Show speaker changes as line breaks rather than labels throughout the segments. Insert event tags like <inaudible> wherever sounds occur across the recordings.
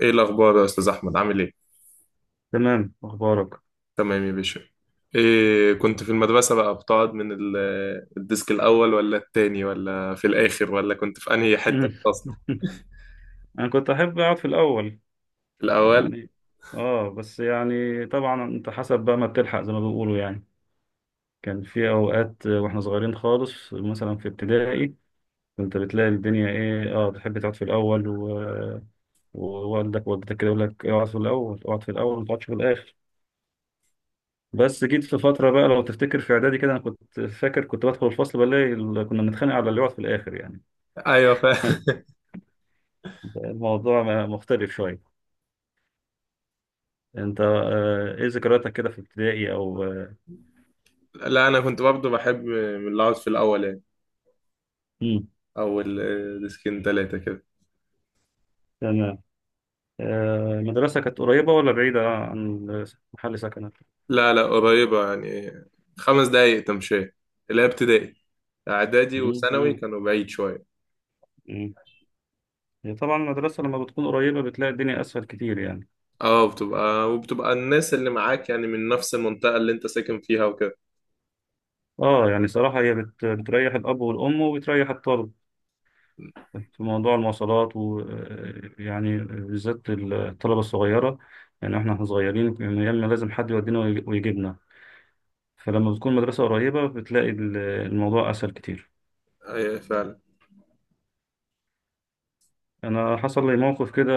ايه الاخبار يا استاذ احمد عامل ايه؟
تمام، اخبارك؟
تمام يا باشا. إيه، كنت في المدرسه بقى بتقعد من الديسك الاول ولا التاني ولا في الاخر، ولا كنت في انهي حته في
مم.
الفصل؟
<laughs> انا كنت احب اقعد في الاول
الاول.
يعني. اه بس يعني طبعا انت حسب بقى ما بتلحق زي ما بيقولوا يعني. كان في اوقات واحنا صغيرين خالص مثلا في ابتدائي، كنت بتلاقي الدنيا ايه، بتحب تقعد في الاول ووالدك ووالدتك كده يقول لك اقعد في الاول، اقعد في الاول، ما تقعدش في الاخر. بس جيت في فتره بقى، لو تفتكر في اعدادي كده، انا كنت فاكر كنت بدخل الفصل بلاقي كنا بنتخانق على اللي يقعد في الاخر يعني.
ايوه
<laughs> الموضوع مختلف شويه. انت، ايه ذكرياتك كده في ابتدائي او آه،
<laughs> لا، انا كنت برضه بحب من اللي اقعد في الاول يعني،
مم.
او الديسكين تلاتة كده.
تمام. المدرسة كانت قريبة ولا بعيدة عن محل سكنك؟
لا لا، قريبه يعني، خمس دقايق تمشي، اللي هي ابتدائي. اعدادي
مم،
وثانوي
مم،
كانوا بعيد شويه.
مم. هي طبعا المدرسة لما بتكون قريبة بتلاقي الدنيا أسهل كتير يعني.
اه، بتبقى وبتبقى الناس اللي معاك يعني من نفس المنطقه اللي انت ساكن فيها وكده.
اه يعني صراحة، بتريح الأب والأم وبتريح الطالب في موضوع المواصلات، ويعني بالذات الطلبة الصغيرة. يعني احنا صغيرين، كان يا إما لازم حد يودينا ويجيبنا. فلما بتكون المدرسة قريبة بتلاقي الموضوع أسهل كتير.
ايوه فعلا.
انا حصل لي موقف كده.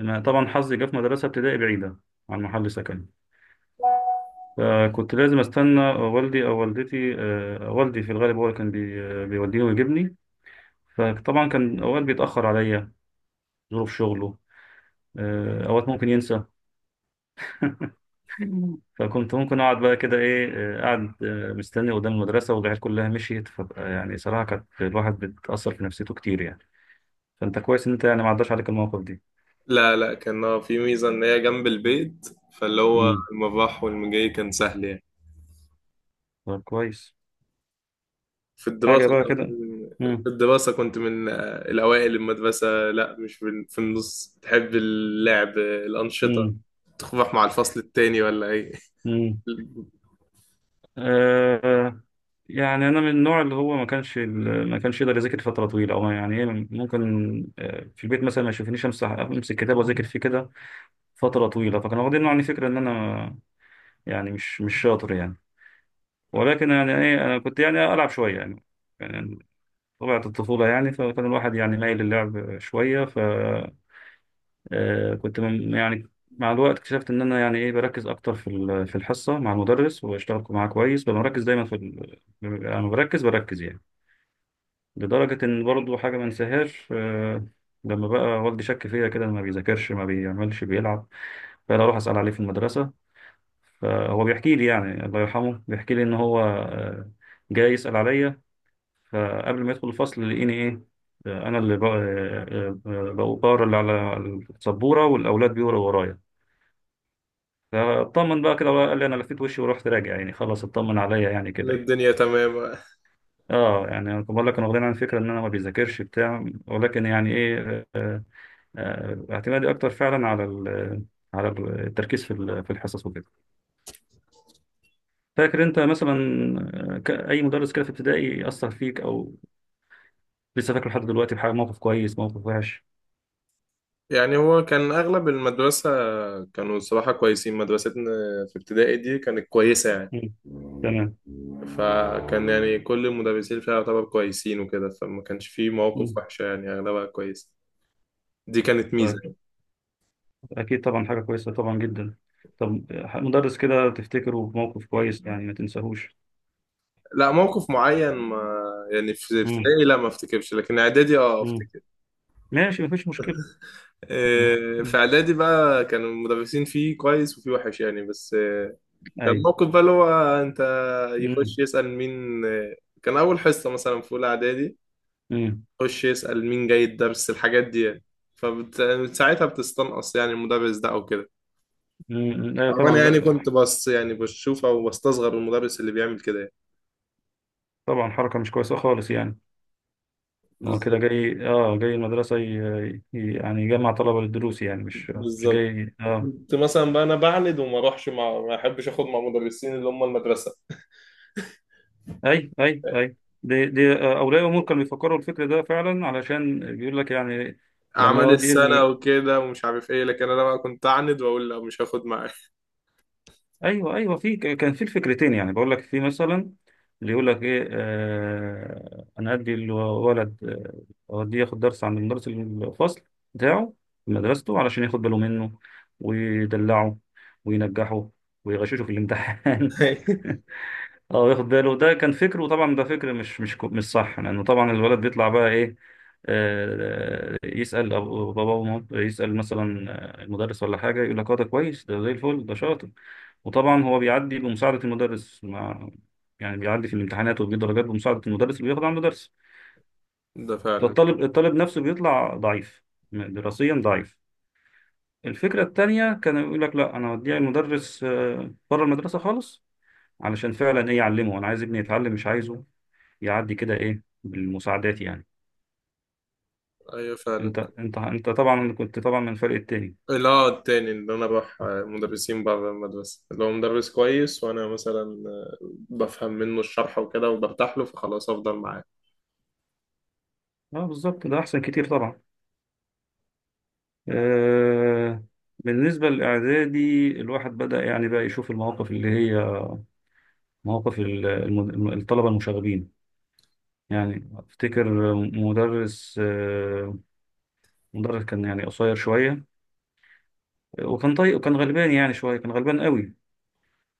انا طبعا حظي جه في مدرسه ابتدائي بعيده عن محل سكني، فكنت لازم استنى والدي او والدتي. والدي في الغالب هو اللي كان بيوديني ويجيبني. فطبعا كان اوقات بيتاخر عليا، ظروف شغله. اوقات ممكن ينسى. <laughs> فكنت ممكن اقعد بقى كده ايه، قاعد، مستني قدام المدرسه، والعيال كلها مشيت، فبقى يعني صراحه كانت الواحد بتاثر في نفسيته كتير يعني. فانت كويس ان انت يعني ما عداش عليك المواقف دي.
لا لا، كان في ميزة إن هي جنب البيت، فاللي هو
امم.
المباح والمجاي كان سهل يعني.
طب كويس.
في
حاجه
الدراسة.
بقى كده.
في الدراسة كنت من الأوائل المدرسة، لا مش في النص، تحب اللعب الأنشطة،
امم.
تروح مع الفصل التاني ولا إيه؟
امم.
<laughs>
آه يعني انا من النوع اللي هو ما كانش يقدر يذاكر فتره طويله، او يعني إيه، ممكن في البيت مثلا ما يشوفنيش امسك كتاب واذاكر فيه كده فتره طويله. فكان واخدين عني فكره ان انا يعني مش شاطر يعني. ولكن يعني ايه انا كنت يعني العب شويه يعني طبيعه الطفوله يعني، فكان الواحد يعني مايل للعب شويه. كنت يعني مع الوقت اكتشفت ان انا يعني ايه بركز اكتر في في الحصه مع المدرس، واشتغل معاه كويس، ببقى مركز دايما في انا بركز بركز يعني. لدرجه ان برضو حاجه ما انساهاش، لما بقى والدي شك فيا كده، إن ما بيذاكرش ما بيعملش بيلعب، فانا اروح اسال عليه في المدرسه. فهو بيحكي لي يعني الله يرحمه، بيحكي لي ان هو، جاي يسال عليا، فقبل ما يدخل الفصل لقيني ايه، انا اللي بقرا اللي على السبوره، والاولاد بيقروا ورايا. فاطمن بقى كده، قال لي انا لفيت وشي ورحت راجع يعني، خلاص اطمن عليا يعني كده يعني.
الدنيا تمام.
اه يعني انا بقول لك انا واخدين عن فكره ان انا ما بيذاكرش بتاع، ولكن يعني ايه، اعتمادي اكتر فعلا على على التركيز في في الحصص وكده. فاكر انت مثلا، اي مدرس كده في ابتدائي اثر فيك، او لسه فاكره لحد دلوقتي بحاجه، موقف كويس موقف وحش؟
يعني هو كان أغلب المدرسة كانوا صراحة كويسين. مدرستنا في ابتدائي دي كانت كويسة يعني،
مم. تمام.
فكان يعني كل المدرسين فيها يعتبر كويسين وكده، فما كانش فيه مواقف
مم.
وحشة يعني، أغلبها كويسة. دي كانت ميزة
طيب.
يعني.
اكيد طبعا، حاجه كويسه طبعا جدا. طب مدرس كده تفتكره بموقف كويس يعني ما تنساهوش؟
لا موقف معين ما، يعني في
مم.
ابتدائي لا ما افتكرش، لكن إعدادي اه
مم.
أفتكر.
ماشي، مفيش مشكلة. مم.
إيه، في
مم.
إعدادي بقى كانوا المدرسين فيه كويس وفيه وحش يعني، بس كان
أيوة.
موقف بقى اللي هو، انت، يخش
مم.
يسأل مين. كان اول حصة مثلا في اولى اعدادي،
مم.
يخش يسأل مين جاي الدرس، الحاجات دي يعني، فساعتها بتستنقص يعني المدرس ده او كده،
مم. أيوة
او
طبعا،
انا يعني
لا
كنت بس يعني بشوف او بستصغر المدرس اللي بيعمل كده يعني.
طبعا حركة مش كويسة خالص يعني. هو كده
بالظبط
جاي، جاي المدرسة يعني يجمع طلبة للدروس يعني، مش مش
بالظبط.
جاي اه
كنت مثلا بقى انا بعند وما اروحش مع، ما احبش اخد مع مدرسين اللي هم المدرسة،
أي أي أي. دي أولياء أمور كانوا بيفكروا الفكر ده فعلا، علشان بيقول لك يعني لما
اعمال
أودي
السنة
ابني.
وكده ومش عارف ايه، لكن انا بقى كنت اعند واقول لا مش هاخد معاك.
ايوه، ايوه، في كان في الفكرتين يعني، بقول لك في مثلا اللي يقول لك ايه، انا ادي الولد، اوديه ياخد درس عند مدرس الفصل بتاعه في مدرسته، علشان ياخد باله منه، ويدلعه، وينجحه، ويغششه في الامتحان. <laughs>
<laughs>
اه، ياخد باله، ده كان فكر، وطبعا ده فكر مش صح، لانه طبعا الولد بيطلع بقى ايه، يسال باباه يسال مثلا المدرس ولا حاجه، يقول لك اه ده كويس، ده زي الفل، ده شاطر. وطبعا هو بيعدي بمساعده المدرس، مع يعني بيعدي في الامتحانات وبيجيب درجات بمساعده المدرس اللي بياخد عند درس.
ده فعلا.
فالطالب نفسه بيطلع ضعيف دراسيا، ضعيف. الفكره التانيه كان يقول لك لا، انا هوديه المدرس، بره المدرسه خالص، علشان فعلا ايه يعلمه، انا عايز ابني يتعلم، مش عايزه يعدي كده ايه بالمساعدات يعني.
ايوه فعلا.
انت طبعا كنت طبعا من الفريق التاني.
اللي هو التاني، اللي انا بروح مدرسين بره المدرسة اللي هو مدرس كويس، وانا مثلا بفهم منه الشرح وكده وبرتاح له، فخلاص افضل معاه.
اه بالظبط، ده احسن كتير طبعا. آه. بالنسبة للإعدادي الواحد بدأ يعني بقى يشوف المواقف اللي هي مواقف الطلبة المشاغبين. يعني أفتكر مدرس كان يعني قصير شوية، وكان طيب، وكان غلبان يعني شوية، كان غلبان قوي.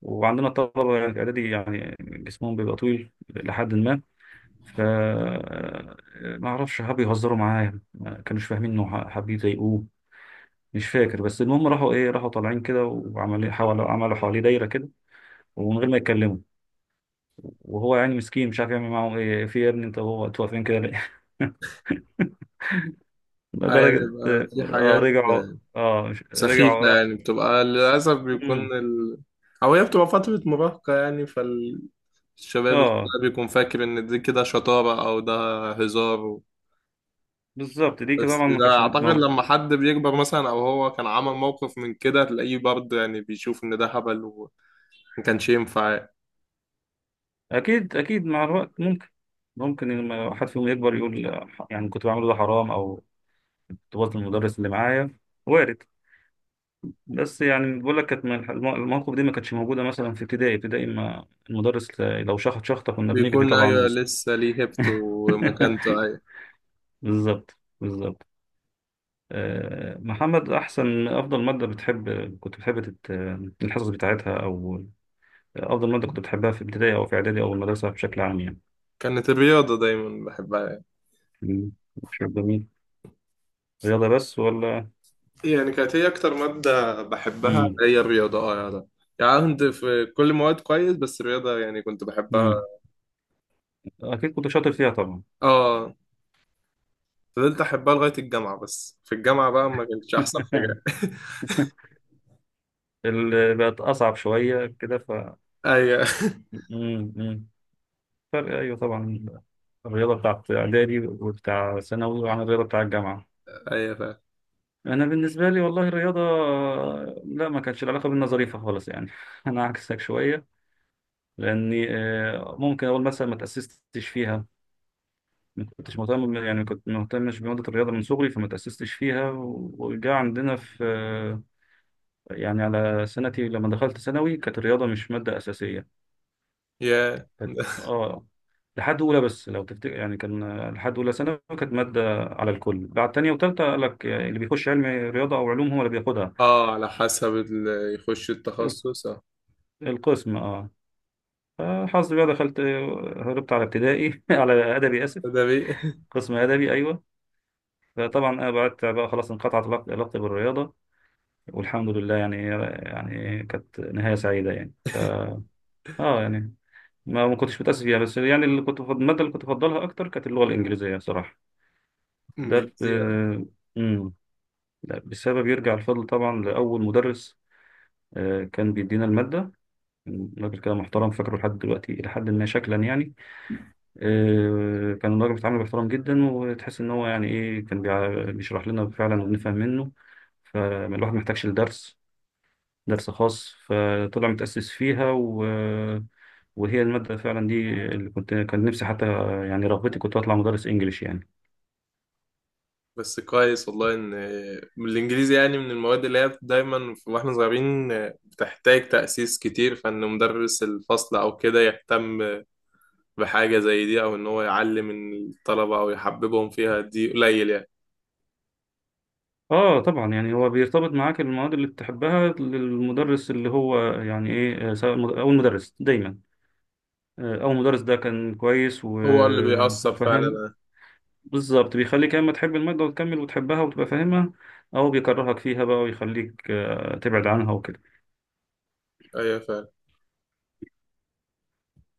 وعندنا الطلبة يعني في إعدادي يعني جسمهم بيبقى طويل لحد ما، ف ما اعرفش، حبوا يهزروا معاه، ما كانوش فاهمين انه حابين يضايقوه. مش فاكر، بس المهم راحوا ايه، راحوا طالعين كده وعملوا إيه، حاولوا عملوا حواليه دايره كده، ومن غير ما يتكلموا. وهو يعني مسكين مش عارف يعمل معاهم ايه، في يا ابني، انتوا واقفين كده ليه؟ <laughs>
اه يعني
لدرجه
بيبقى في
اه
حاجات
رجعوا.
آه،
رجعوا
سخيفة
راح.
يعني، بتبقى للأسف بيكون
مم.
ال... أو هي بتبقى فترة مراهقة يعني، فالشباب
اه
الصغير بيكون فاكر إن دي كده شطارة أو ده هزار.
بالظبط، دي كده
بس
طبعا ما
ده
كانتش
أعتقد لما حد بيكبر مثلا أو هو كان عمل موقف من كده، تلاقيه برضه يعني بيشوف إن ده هبل وما كانش ينفع.
اكيد اكيد، مع الوقت ممكن، ممكن لما حد فيهم يكبر يقول يعني كنت بعمل ده حرام، او طفولة المدرس اللي معايا، وارد. بس يعني بقول لك، كانت من المواقف دي ما كانتش موجودة مثلا في ابتدائي، ابتدائي ما المدرس لو شخط شخطة كنا بنجري
بيكون
طبعا
أيوة
ونست.
لسه ليه هيبته ومكانته،
<laughs>
أيوة.
بالظبط بالظبط. محمد، أفضل مادة كنت بتحب الحصص بتاعتها، أو أفضل مادة كنت بتحبها في ابتدائي أو في إعدادي أو المدرسة بشكل عام يعني؟
كانت الرياضة دايما بحبها يعني.
مم. شيء جميل. رياضة بس ولا؟
يعني كانت هي أكتر مادة بحبها
مم.
هي الرياضة، اه يا ده. يعني كنت في كل مواد كويس، بس الرياضة يعني كنت بحبها.
مم. أكيد كنت شاطر فيها طبعا.
اه. فضلت أحبها لغاية الجامعة، بس في الجامعة بقى ما كانتش أحسن حاجة.
<laughs> اللي بقت أصعب شوية كده ف.
<laughs> أيوة.
مم، مم. فرق أيوه طبعا، الرياضة بتاعت إعدادي وبتاع ثانوي عن الرياضة بتاع الجامعة.
<laughs> أيوة فعلا.
أنا بالنسبة لي والله الرياضة، لا ما كانتش العلاقة بينا ظريفة خالص يعني. <laughs> أنا عكسك شوية، لأني ممكن أقول مثلا ما تأسستش فيها. ما كنتش مهتم يعني، كنت ما مهتمش بمادة الرياضة من صغري، فما تأسستش فيها. وجا عندنا في يعني على سنتي لما دخلت ثانوي كانت الرياضة مش مادة أساسية.
يا
كانت-
<laughs>
اه لحد اولى، بس لو تفتكر يعني كان لحد اولى ثانوي كانت ماده على الكل، بعد تانية وتالتة قال لك اللي بيخش علم رياضه او علوم هو اللي بياخدها.
اه، على حسب اللي يخش
ال-
التخصص اه.
القسم اه. فحظي بقى دخلت، هربت على ابتدائي، <laughs> على ادبي، اسف،
ده بيه.
قسم ادبي، ايوه. فطبعا بعدت بقى خلاص، انقطعت علاقتي بالرياضه والحمد لله يعني. يعني كانت نهايه سعيده يعني ف.
<laughs>
اه يعني ما كنتش متاسف فيها، بس يعني اللي كنت الماده اللي كنت بفضلها اكتر كانت اللغه الانجليزيه صراحه. ده
إنجليزي.
ب... لا، بسبب، يرجع الفضل طبعا لأول مدرس كان بيدينا المادة. كان راجل كده محترم، فاكره لحد دلوقتي إلى حد ما شكلا يعني. كان الراجل بيتعامل باحترام جدا، وتحس إن هو يعني إيه كان بيشرح لنا فعلا وبنفهم منه. فالواحد محتاجش لدرس، درس خاص. فطلع متأسس فيها وهي المادة فعلا دي اللي كنت كان نفسي حتى يعني رغبتي كنت أطلع مدرس إنجليش يعني.
بس كويس والله ان الانجليزي يعني من المواد اللي هي دايما واحنا صغيرين بتحتاج تأسيس كتير، فان مدرس الفصل او كده يهتم بحاجة زي دي، او ان هو يعلم الطلبة او يحببهم فيها، دي قليل يعني.
اه طبعا يعني هو بيرتبط معاك المواد اللي بتحبها للمدرس، اللي هو يعني ايه، او المدرس دايما، او المدرس ده كان كويس
هو اللي بيأثر
وفاهم.
فعلا.
بالظبط، بيخليك يا اما تحب المادة وتكمل وتحبها وتبقى فاهمها، او بيكرهك فيها بقى ويخليك تبعد عنها وكده
ايوه فعلا.